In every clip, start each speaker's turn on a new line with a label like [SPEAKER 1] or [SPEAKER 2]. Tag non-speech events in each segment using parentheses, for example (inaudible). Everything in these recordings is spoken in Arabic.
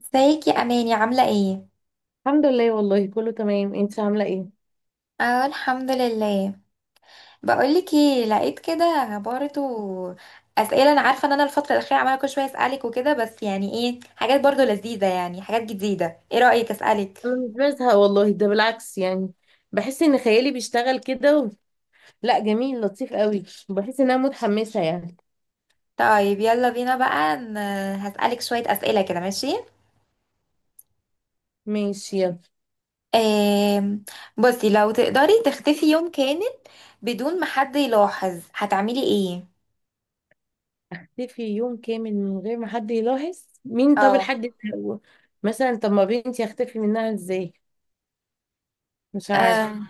[SPEAKER 1] ازيك يا اماني، عامله ايه؟
[SPEAKER 2] الحمد لله، والله كله تمام. انت عامله ايه؟
[SPEAKER 1] اه، الحمد لله. بقولك ايه، لقيت كده برضو اسئله. انا عارفه ان انا الفتره الاخيره عماله كل شويه اسالك وكده، بس يعني ايه، حاجات برضو لذيذه، يعني حاجات جديده، ايه رايك اسالك؟
[SPEAKER 2] انا مش بزهق والله، ده بالعكس يعني. بحس ان خيالي بيشتغل كده لا، جميل، لطيف قوي. بحس ان انا متحمسه يعني.
[SPEAKER 1] طيب يلا بينا بقى، هسالك شويه اسئله كده، ماشي؟
[SPEAKER 2] ماشي يلا.
[SPEAKER 1] آم، بصي، لو تقدري تختفي يوم كامل بدون ما حد يلاحظ، هتعملي ايه؟
[SPEAKER 2] اختفي يوم كامل من غير ما حد يلاحظ؟ مين؟ طب
[SPEAKER 1] اه.
[SPEAKER 2] الحد ده هو؟ مثلا طب ما بنتي اختفي منها ازاي؟ مش عارفه.
[SPEAKER 1] آم،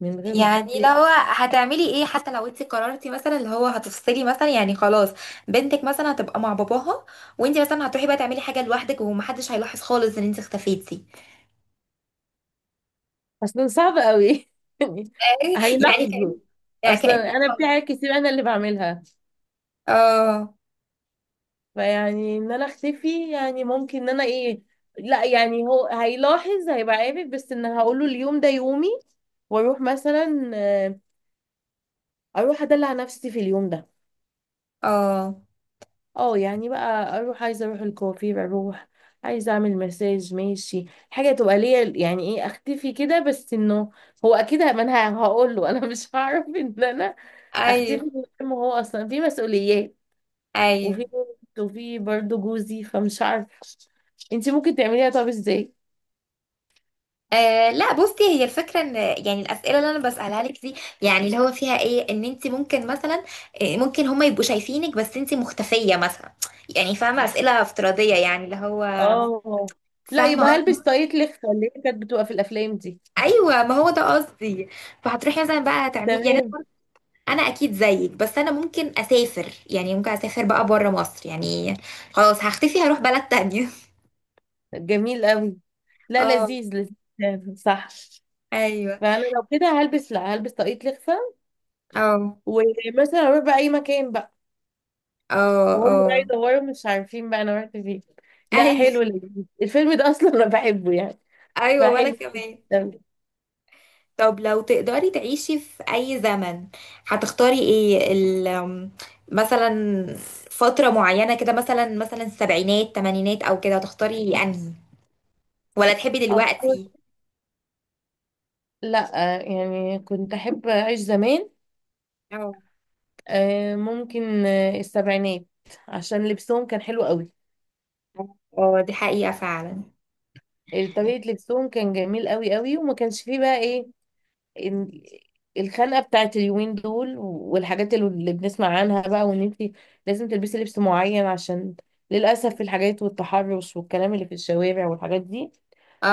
[SPEAKER 2] من غير ما حد،
[SPEAKER 1] يعني لو هتعملي ايه، حتى لو انت قررتي مثلا اللي هو هتفصلي مثلا، يعني خلاص، بنتك مثلا هتبقى مع باباها، وانت مثلا هتروحي بقى تعملي حاجه لوحدك ومحدش هيلاحظ خالص ان انت اختفيتي.
[SPEAKER 2] اصلا صعب قوي (laughs) يعني.
[SPEAKER 1] (laughs) يعني
[SPEAKER 2] هيلاحظوا.
[SPEAKER 1] كأن، يعني كأنك،
[SPEAKER 2] اصلا انا في حاجات كتير انا اللي بعملها،
[SPEAKER 1] اه
[SPEAKER 2] فيعني ان انا اختفي يعني ممكن ان انا ايه. لا يعني هو هيلاحظ، هيبقى عارف، بس ان هقول له اليوم ده يومي، واروح مثلا. اروح ادلع نفسي في اليوم ده.
[SPEAKER 1] اه.
[SPEAKER 2] اه يعني بقى اروح، عايزه اروح الكوافير، اروح عايزه اعمل مساج، ماشي. حاجه تبقى ليا يعني، ايه اختفي كده، بس انه هو اكيد ما انا هقول له (laughs) انا مش هعرف ان انا اختفي
[SPEAKER 1] ايوه
[SPEAKER 2] من غير ما هو، اصلا في مسؤوليات وفي
[SPEAKER 1] ايوه.
[SPEAKER 2] وفي برضه جوزي، فمش عارفه. انتي ممكن تعمليها؟ طب ازاي؟
[SPEAKER 1] لا، بصي، هي الفكره ان يعني الاسئله اللي انا بسالها لك دي، يعني اللي هو فيها ايه، ان انت ممكن مثلا، ممكن هم يبقوا شايفينك بس انت مختفيه مثلا، يعني فاهمه؟ اسئله افتراضيه يعني اللي هو،
[SPEAKER 2] اه، لا يبقى هلبس
[SPEAKER 1] فاهمه.
[SPEAKER 2] طاقية لخفة اللي هي كانت بتبقى في الافلام دي.
[SPEAKER 1] ايوه، ما هو ده قصدي. فهتروحي مثلا بقى تعملي، يعني
[SPEAKER 2] تمام.
[SPEAKER 1] انا اكيد زيك، بس انا ممكن اسافر، يعني ممكن اسافر بقى بره مصر يعني. خلاص هختفي، هروح بلد تانية.
[SPEAKER 2] جميل قوي.
[SPEAKER 1] (laughs)
[SPEAKER 2] لا
[SPEAKER 1] اه.
[SPEAKER 2] لذيذ، لذيذ، صح.
[SPEAKER 1] ايوه.
[SPEAKER 2] فانا لو كده هلبس، لا هلبس طاقية لخفة.
[SPEAKER 1] اه
[SPEAKER 2] ومثلا اروح بقى اي مكان بقى،
[SPEAKER 1] اه
[SPEAKER 2] وهم بقى
[SPEAKER 1] اه.
[SPEAKER 2] يدوروا مش عارفين بقى انا رحت فين. لا
[SPEAKER 1] ايوه
[SPEAKER 2] حلو، لذيذ، الفيلم ده اصلا انا بحبه يعني.
[SPEAKER 1] ايوه، وانا
[SPEAKER 2] فحلو
[SPEAKER 1] كمان.
[SPEAKER 2] أوي.
[SPEAKER 1] طب لو تقدري تعيشي في اي زمن، هتختاري ايه؟ ال أم، مثلا فترة معينة كده، مثلا السبعينات، تمانينات، او كده، هتختاري انهي، ولا تحبي
[SPEAKER 2] اختار.
[SPEAKER 1] دلوقتي؟
[SPEAKER 2] لا يعني كنت احب اعيش زمان.
[SPEAKER 1] آه.
[SPEAKER 2] ممكن، السبعينات. عشان لبسهم كان حلو قوي.
[SPEAKER 1] اه، دي حقيقة فعلا.
[SPEAKER 2] طريقة لبسهم كان جميل قوي قوي، وما كانش فيه بقى ايه. إن- الخنقة بتاعت اليومين دول والحاجات اللي بنسمع عنها بقى، وان انت لازم تلبسي لبس معين عشان للأسف الحاجات والتحرش والكلام اللي في الشوارع والحاجات دي.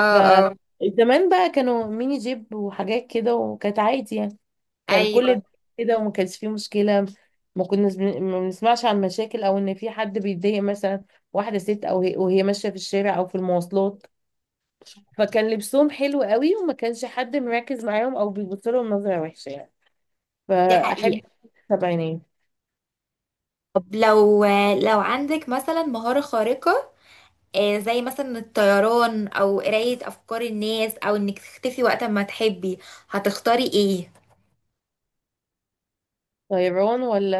[SPEAKER 2] ف
[SPEAKER 1] اه.
[SPEAKER 2] زمان بقى كانوا ميني جيب وحاجات كده، وكانت عادي يعني. كان
[SPEAKER 1] ايوه،
[SPEAKER 2] كل كده، وما كانش فيه مشكلة. ما كناش ما بنسمعش عن مشاكل، او ان في حد بيتضايق مثلا. واحدة ست او وهي ماشية في الشارع او في المواصلات. فكان لبسهم حلو قوي، وما كانش حد مركز معاهم او بيبص لهم نظره وحشه يعني.
[SPEAKER 1] دي
[SPEAKER 2] فاحب
[SPEAKER 1] حقيقة.
[SPEAKER 2] السبعينات.
[SPEAKER 1] طب لو عندك مثلا مهارة خارقة، زي مثلا الطيران، او قراية افكار الناس، او انك تختفي وقت ما تحبي، هتختاري ايه؟
[SPEAKER 2] طيران ولا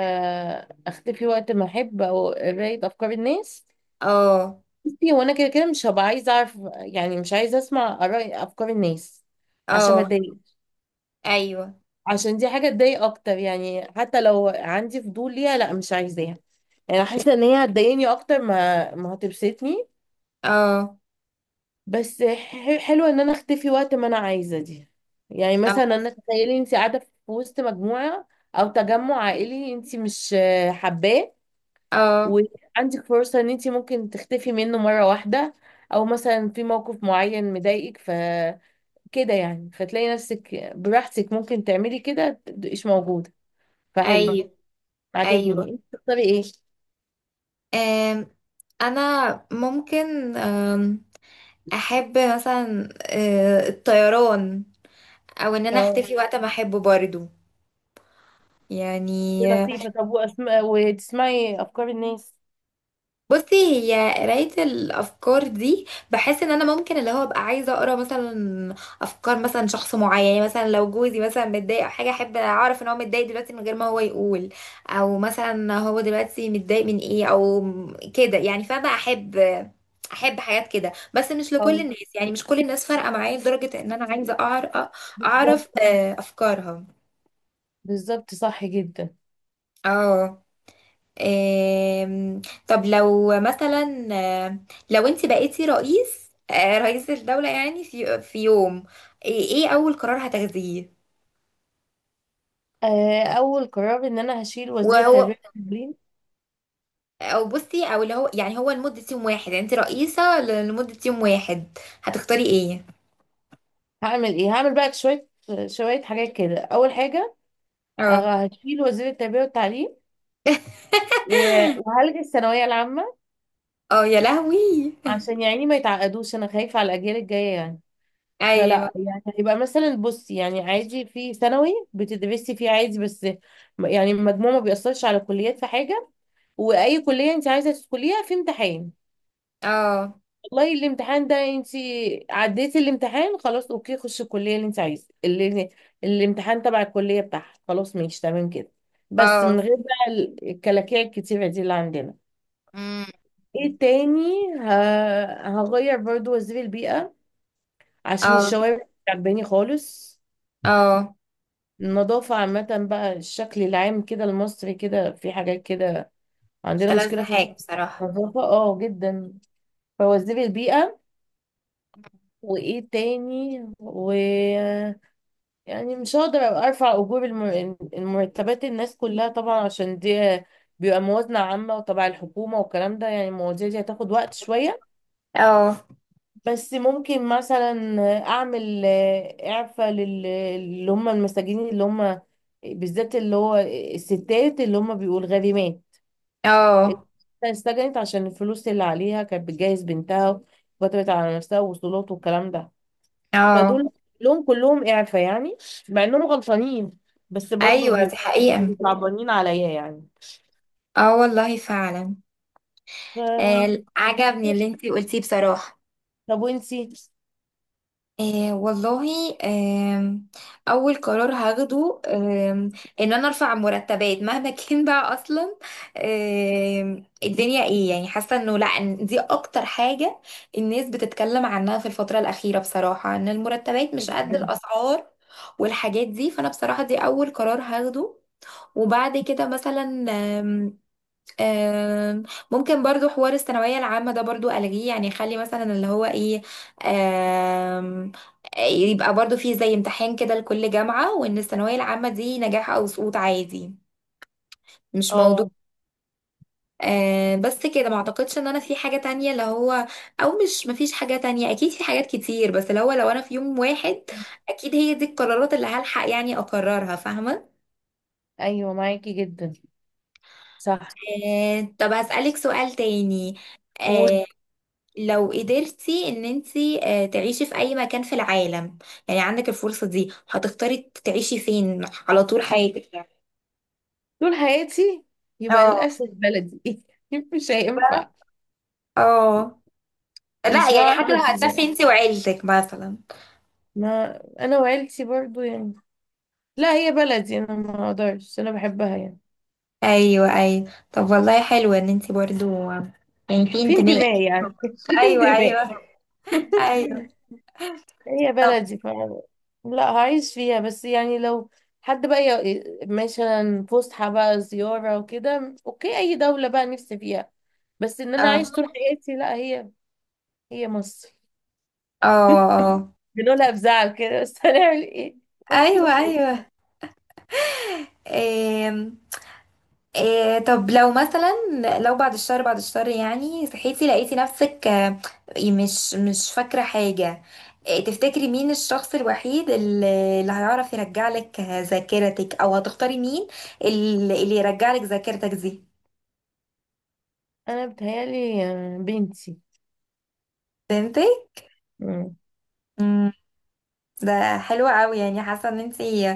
[SPEAKER 2] اختفي وقت ما احب، او قرايه افكار الناس.
[SPEAKER 1] اه
[SPEAKER 2] بصي هو انا كده كده مش هبقى عايزه اعرف يعني، مش عايزه اسمع اراء افكار الناس، عشان ما
[SPEAKER 1] اه.
[SPEAKER 2] اتضايق.
[SPEAKER 1] ايوه.
[SPEAKER 2] عشان دي حاجه تضايق اكتر يعني. حتى لو عندي فضول ليها، لا مش عايزاها. يعني حاسه ان هي هتضايقني اكتر ما هتبسطني.
[SPEAKER 1] اه
[SPEAKER 2] بس حلوة ان انا اختفي وقت ما انا عايزة دي. يعني مثلا
[SPEAKER 1] اه.
[SPEAKER 2] انا، تخيلي انت قاعدة في وسط مجموعة او تجمع عائلي، انت مش حباه،
[SPEAKER 1] آه،
[SPEAKER 2] وعندك فرصة ان انت ممكن تختفي منه مرة واحدة. او مثلا في موقف معين مضايقك فكده، يعني فتلاقي نفسك براحتك ممكن تعملي كده تبقيش موجودة. فحلو.
[SPEAKER 1] ايوه ايوه.
[SPEAKER 2] عجبني. انت تختاري ايه؟
[SPEAKER 1] آم، انا ممكن، احب مثلا الطيران، او ان انا
[SPEAKER 2] اه،
[SPEAKER 1] اختفي وقت ما احبه برضو
[SPEAKER 2] دي
[SPEAKER 1] يعني.
[SPEAKER 2] لطيفة. طب وأسماء وتسمعي افكار الناس؟
[SPEAKER 1] بصي، هي قراية الأفكار دي، بحس إن أنا ممكن اللي هو أبقى عايزة أقرأ مثلا أفكار مثلا شخص معين، يعني مثلا لو جوزي مثلا متضايق أو حاجة، أحب أعرف إن هو متضايق دلوقتي من غير ما هو يقول، أو مثلا هو دلوقتي متضايق من إيه، أو كده يعني. فأنا أحب حاجات كده، بس مش لكل
[SPEAKER 2] اه.
[SPEAKER 1] الناس، يعني مش كل الناس فارقة معايا لدرجة إن أنا عايزة،
[SPEAKER 2] بالظبط،
[SPEAKER 1] أعرف أفكارها.
[SPEAKER 2] بالظبط، صح جدا.
[SPEAKER 1] اه. آم، طب لو مثلا، لو انت بقيتي رئيس، رئيس الدولة يعني، في يوم، إيه اول قرار هتاخديه؟
[SPEAKER 2] اول قرار ان انا هشيل وزير التربيه
[SPEAKER 1] وهو،
[SPEAKER 2] والتعليم.
[SPEAKER 1] او بصي، او اللي هو يعني هو لمدة يوم واحد، يعني انت رئيسة لمدة يوم واحد، هتختاري ايه؟
[SPEAKER 2] هعمل ايه؟ هعمل بقى شويه حاجات كده. اول حاجه،
[SPEAKER 1] اه.
[SPEAKER 2] هشيل وزير التربيه والتعليم
[SPEAKER 1] (laughs)
[SPEAKER 2] و- وهلغي الثانويه العامه،
[SPEAKER 1] اه يا لهوي.
[SPEAKER 2] عشان يعني ما يتعقدوش. انا خايفه على الاجيال الجايه يعني.
[SPEAKER 1] ايوه.
[SPEAKER 2] فلا يعني، هيبقى مثلا، بصي يعني، عادي، في ثانوي بتدرسي فيه عادي، بس يعني المجموع ما بيأثرش على كليات في حاجه. واي كليه انت عايزه تدخليها في امتحان،
[SPEAKER 1] اه
[SPEAKER 2] والله الامتحان ده انت عديتي الامتحان، خلاص اوكي، خشي الكليه اللي انت عايزه، اللي الامتحان تبع الكليه بتاعها. خلاص، ماشي، تمام كده، بس
[SPEAKER 1] اه.
[SPEAKER 2] من غير بقى الكلاكيع الكتيره دي اللي عندنا.
[SPEAKER 1] أمم.
[SPEAKER 2] ايه تاني؟ ه... هغير برضو وزير البيئه، عشان
[SPEAKER 1] اه
[SPEAKER 2] الشوارع مش عجباني خالص.
[SPEAKER 1] اه،
[SPEAKER 2] النظافه عامه بقى، الشكل العام كده المصري، كده في حاجات كده،
[SPEAKER 1] مش
[SPEAKER 2] عندنا
[SPEAKER 1] ألذ
[SPEAKER 2] مشكله في
[SPEAKER 1] حاجة بصراحة.
[SPEAKER 2] النظافه، اه جدا. فوزير البيئه. وايه تاني، و يعني مش هقدر ابقى ارفع اجور المرتبات الناس كلها طبعا، عشان دي بيبقى موازنة عامة وتبع الحكومة والكلام ده يعني، المواضيع دي هتاخد وقت شوية.
[SPEAKER 1] اه
[SPEAKER 2] بس ممكن مثلا اعمل اعفاء اللي هم المساجين، اللي هم بالذات اللي هو الستات اللي هم بيقول غريمات، اللي
[SPEAKER 1] اه
[SPEAKER 2] اتسجنت عشان الفلوس اللي عليها كانت بتجهز بنتها وكتبت على نفسها وصولات والكلام ده.
[SPEAKER 1] اه.
[SPEAKER 2] فدول لهم كلهم إعفاء يعني، مع إنهم غلطانين، بس برضو
[SPEAKER 1] ايوه، دي
[SPEAKER 2] بيبقوا
[SPEAKER 1] حقيقة.
[SPEAKER 2] صعبانين عليا يعني.
[SPEAKER 1] اه والله فعلا. آه،
[SPEAKER 2] ف...
[SPEAKER 1] عجبني اللي انتي قلتيه بصراحة.
[SPEAKER 2] طب وانتي؟
[SPEAKER 1] آه والله، اول قرار هاخده، ان انا ارفع مرتبات مهما (laughs) كان بقى اصلا. الدنيا ايه يعني، حاسة انه لا، إن دي اكتر حاجة الناس بتتكلم عنها في الفترة الاخيرة بصراحة، ان المرتبات مش قد
[SPEAKER 2] جدا،
[SPEAKER 1] الاسعار والحاجات دي. فانا بصراحة دي اول قرار هاخده. وبعد كده مثلا، آم، ممكن برضو حوار الثانوية العامة ده برضو ألغيه، يعني خلي مثلا اللي هو ايه، آم، يبقى برضو فيه زي امتحان كده لكل جامعة، وإن الثانوية العامة دي نجاح أو سقوط عادي، مش موضوع.
[SPEAKER 2] اه،
[SPEAKER 1] آه بس كده، ما اعتقدش ان انا في حاجة تانية اللي هو، او مش، مفيش حاجة تانية اكيد، في حاجات كتير، بس اللي هو لو انا في يوم واحد اكيد هي دي القرارات اللي هلحق يعني اقررها، فاهمة.
[SPEAKER 2] ايوه معاكي جدا، صح.
[SPEAKER 1] آه، طب هسألك سؤال تاني،
[SPEAKER 2] وطول
[SPEAKER 1] آه، لو قدرتي ان انتي تعيشي في اي مكان في العالم، يعني عندك الفرصة دي، هتختاري تعيشي فين على طول حياتك يعني؟
[SPEAKER 2] حياتي يبقى
[SPEAKER 1] اه
[SPEAKER 2] للأسف بلدي (laughs) مش هينفع.
[SPEAKER 1] اه. لا
[SPEAKER 2] مش
[SPEAKER 1] يعني
[SPEAKER 2] هعرف
[SPEAKER 1] حتى لو
[SPEAKER 2] أسيبها.
[SPEAKER 1] هتسافري انتي وعيلتك مثلا.
[SPEAKER 2] ما انا وعيلتي برضو يعني، لا هي بلدي انا، ما اقدرش، انا بحبها يعني.
[SPEAKER 1] ايوه ايوه، طب والله حلو ان انتي برضو يعني، في
[SPEAKER 2] في
[SPEAKER 1] انتماء.
[SPEAKER 2] انتماء يعني (laughs) في
[SPEAKER 1] ايوه
[SPEAKER 2] انتماء.
[SPEAKER 1] ايوه
[SPEAKER 2] (laughs)
[SPEAKER 1] ايوه.
[SPEAKER 2] هي
[SPEAKER 1] طب.
[SPEAKER 2] بلدي، ف لا هعيش فيها. بس يعني لو حد بقى مثلا فسحة بقى، زيارة وكده، اوكي اي دولة بقى نفسي فيها، بس ان انا
[SPEAKER 1] اه
[SPEAKER 2] اعيش طول حياتي لا، هي هي مصر.
[SPEAKER 1] اه اه.
[SPEAKER 2] بنقولها بزعل كده، بس (laughs) هنعمل ايه؟
[SPEAKER 1] ايوه
[SPEAKER 2] مفيش.
[SPEAKER 1] ايوه. إيه طب لو مثلا، بعد الشهر، يعني صحيتي لقيتي نفسك، مش فاكرة حاجة، إيه تفتكري مين الشخص الوحيد اللي، اللي هيعرف يرجع لك ذاكرتك، او هتختاري مين اللي، اللي يرجع لك ذاكرتك دي؟
[SPEAKER 2] انا بتهيالي بنتي.
[SPEAKER 1] فهمتي؟
[SPEAKER 2] مم.
[SPEAKER 1] مم، ده حلو قوي يعني. حاسة ان انتي،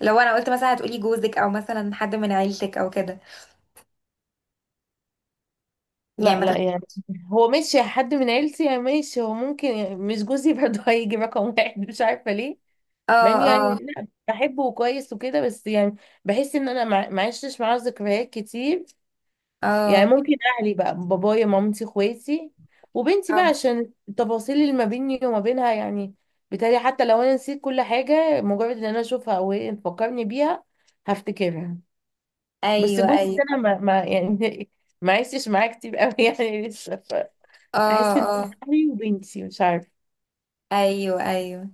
[SPEAKER 1] لو انا قلت مثلا هتقولي جوزك، او مثلا حد من عيلتك او كده، يعني
[SPEAKER 2] لا
[SPEAKER 1] ما
[SPEAKER 2] لا
[SPEAKER 1] تخ-
[SPEAKER 2] يعني، هو ماشي حد من عيلتي يعني، ماشي، هو ممكن يعني، مش جوزي برضه (laughs) هيجي رقم واحد، مش عارفة ليه. مع
[SPEAKER 1] اه
[SPEAKER 2] اني
[SPEAKER 1] اه
[SPEAKER 2] يعني لا بحبه وكويس وكده، بس يعني بحس ان انا ما عشتش معاه ذكريات كتير يعني.
[SPEAKER 1] اه
[SPEAKER 2] ممكن اهلي بقى، بابايا، مامتي، اخواتي، وبنتي بقى،
[SPEAKER 1] اه.
[SPEAKER 2] عشان التفاصيل اللي ما بيني وما بينها يعني. بالتالي حتى لو انا نسيت كل حاجة، مجرد ان انا اشوفها او هي تفكرني بيها هفتكرها. بس
[SPEAKER 1] ايوه
[SPEAKER 2] جوزي
[SPEAKER 1] ايوه.
[SPEAKER 2] ده انا ما يعني (laughs) ما عشتش معاه كتير قوي (laughs) يعني لسه.
[SPEAKER 1] اه
[SPEAKER 2] احس ان هو،
[SPEAKER 1] اه.
[SPEAKER 2] اهلي وبنتي، مش عارفه.
[SPEAKER 1] ايوه ايوه.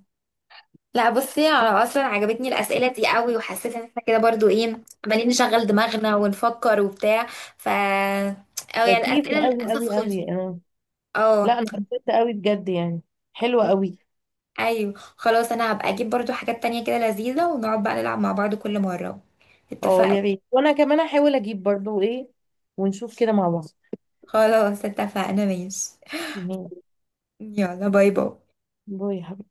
[SPEAKER 1] لا بصي، انا اصلا عجبتني الاسئله دي قوي، وحسيت ان احنا كده برضو ايه، عمالين نشغل دماغنا ونفكر وبتاع. ف، او يعني
[SPEAKER 2] لطيفة
[SPEAKER 1] الاسئله
[SPEAKER 2] قوي
[SPEAKER 1] للاسف
[SPEAKER 2] قوي
[SPEAKER 1] خلصت.
[SPEAKER 2] قوي، اه. لا
[SPEAKER 1] اه.
[SPEAKER 2] انا حبيتها قوي بجد يعني، حلوة قوي.
[SPEAKER 1] ايوه خلاص، انا هبقى اجيب برضو حاجات تانية كده لذيذه، ونقعد بقى نلعب مع بعض كل مره،
[SPEAKER 2] اه
[SPEAKER 1] اتفقنا؟
[SPEAKER 2] يا ريت، وانا كمان هحاول اجيب برضو ايه، ونشوف كده مع بعض.
[SPEAKER 1] خلاص اتفقنا، ماشي.
[SPEAKER 2] تمام.
[SPEAKER 1] يلا باي باي.
[SPEAKER 2] باي يا حبيبي.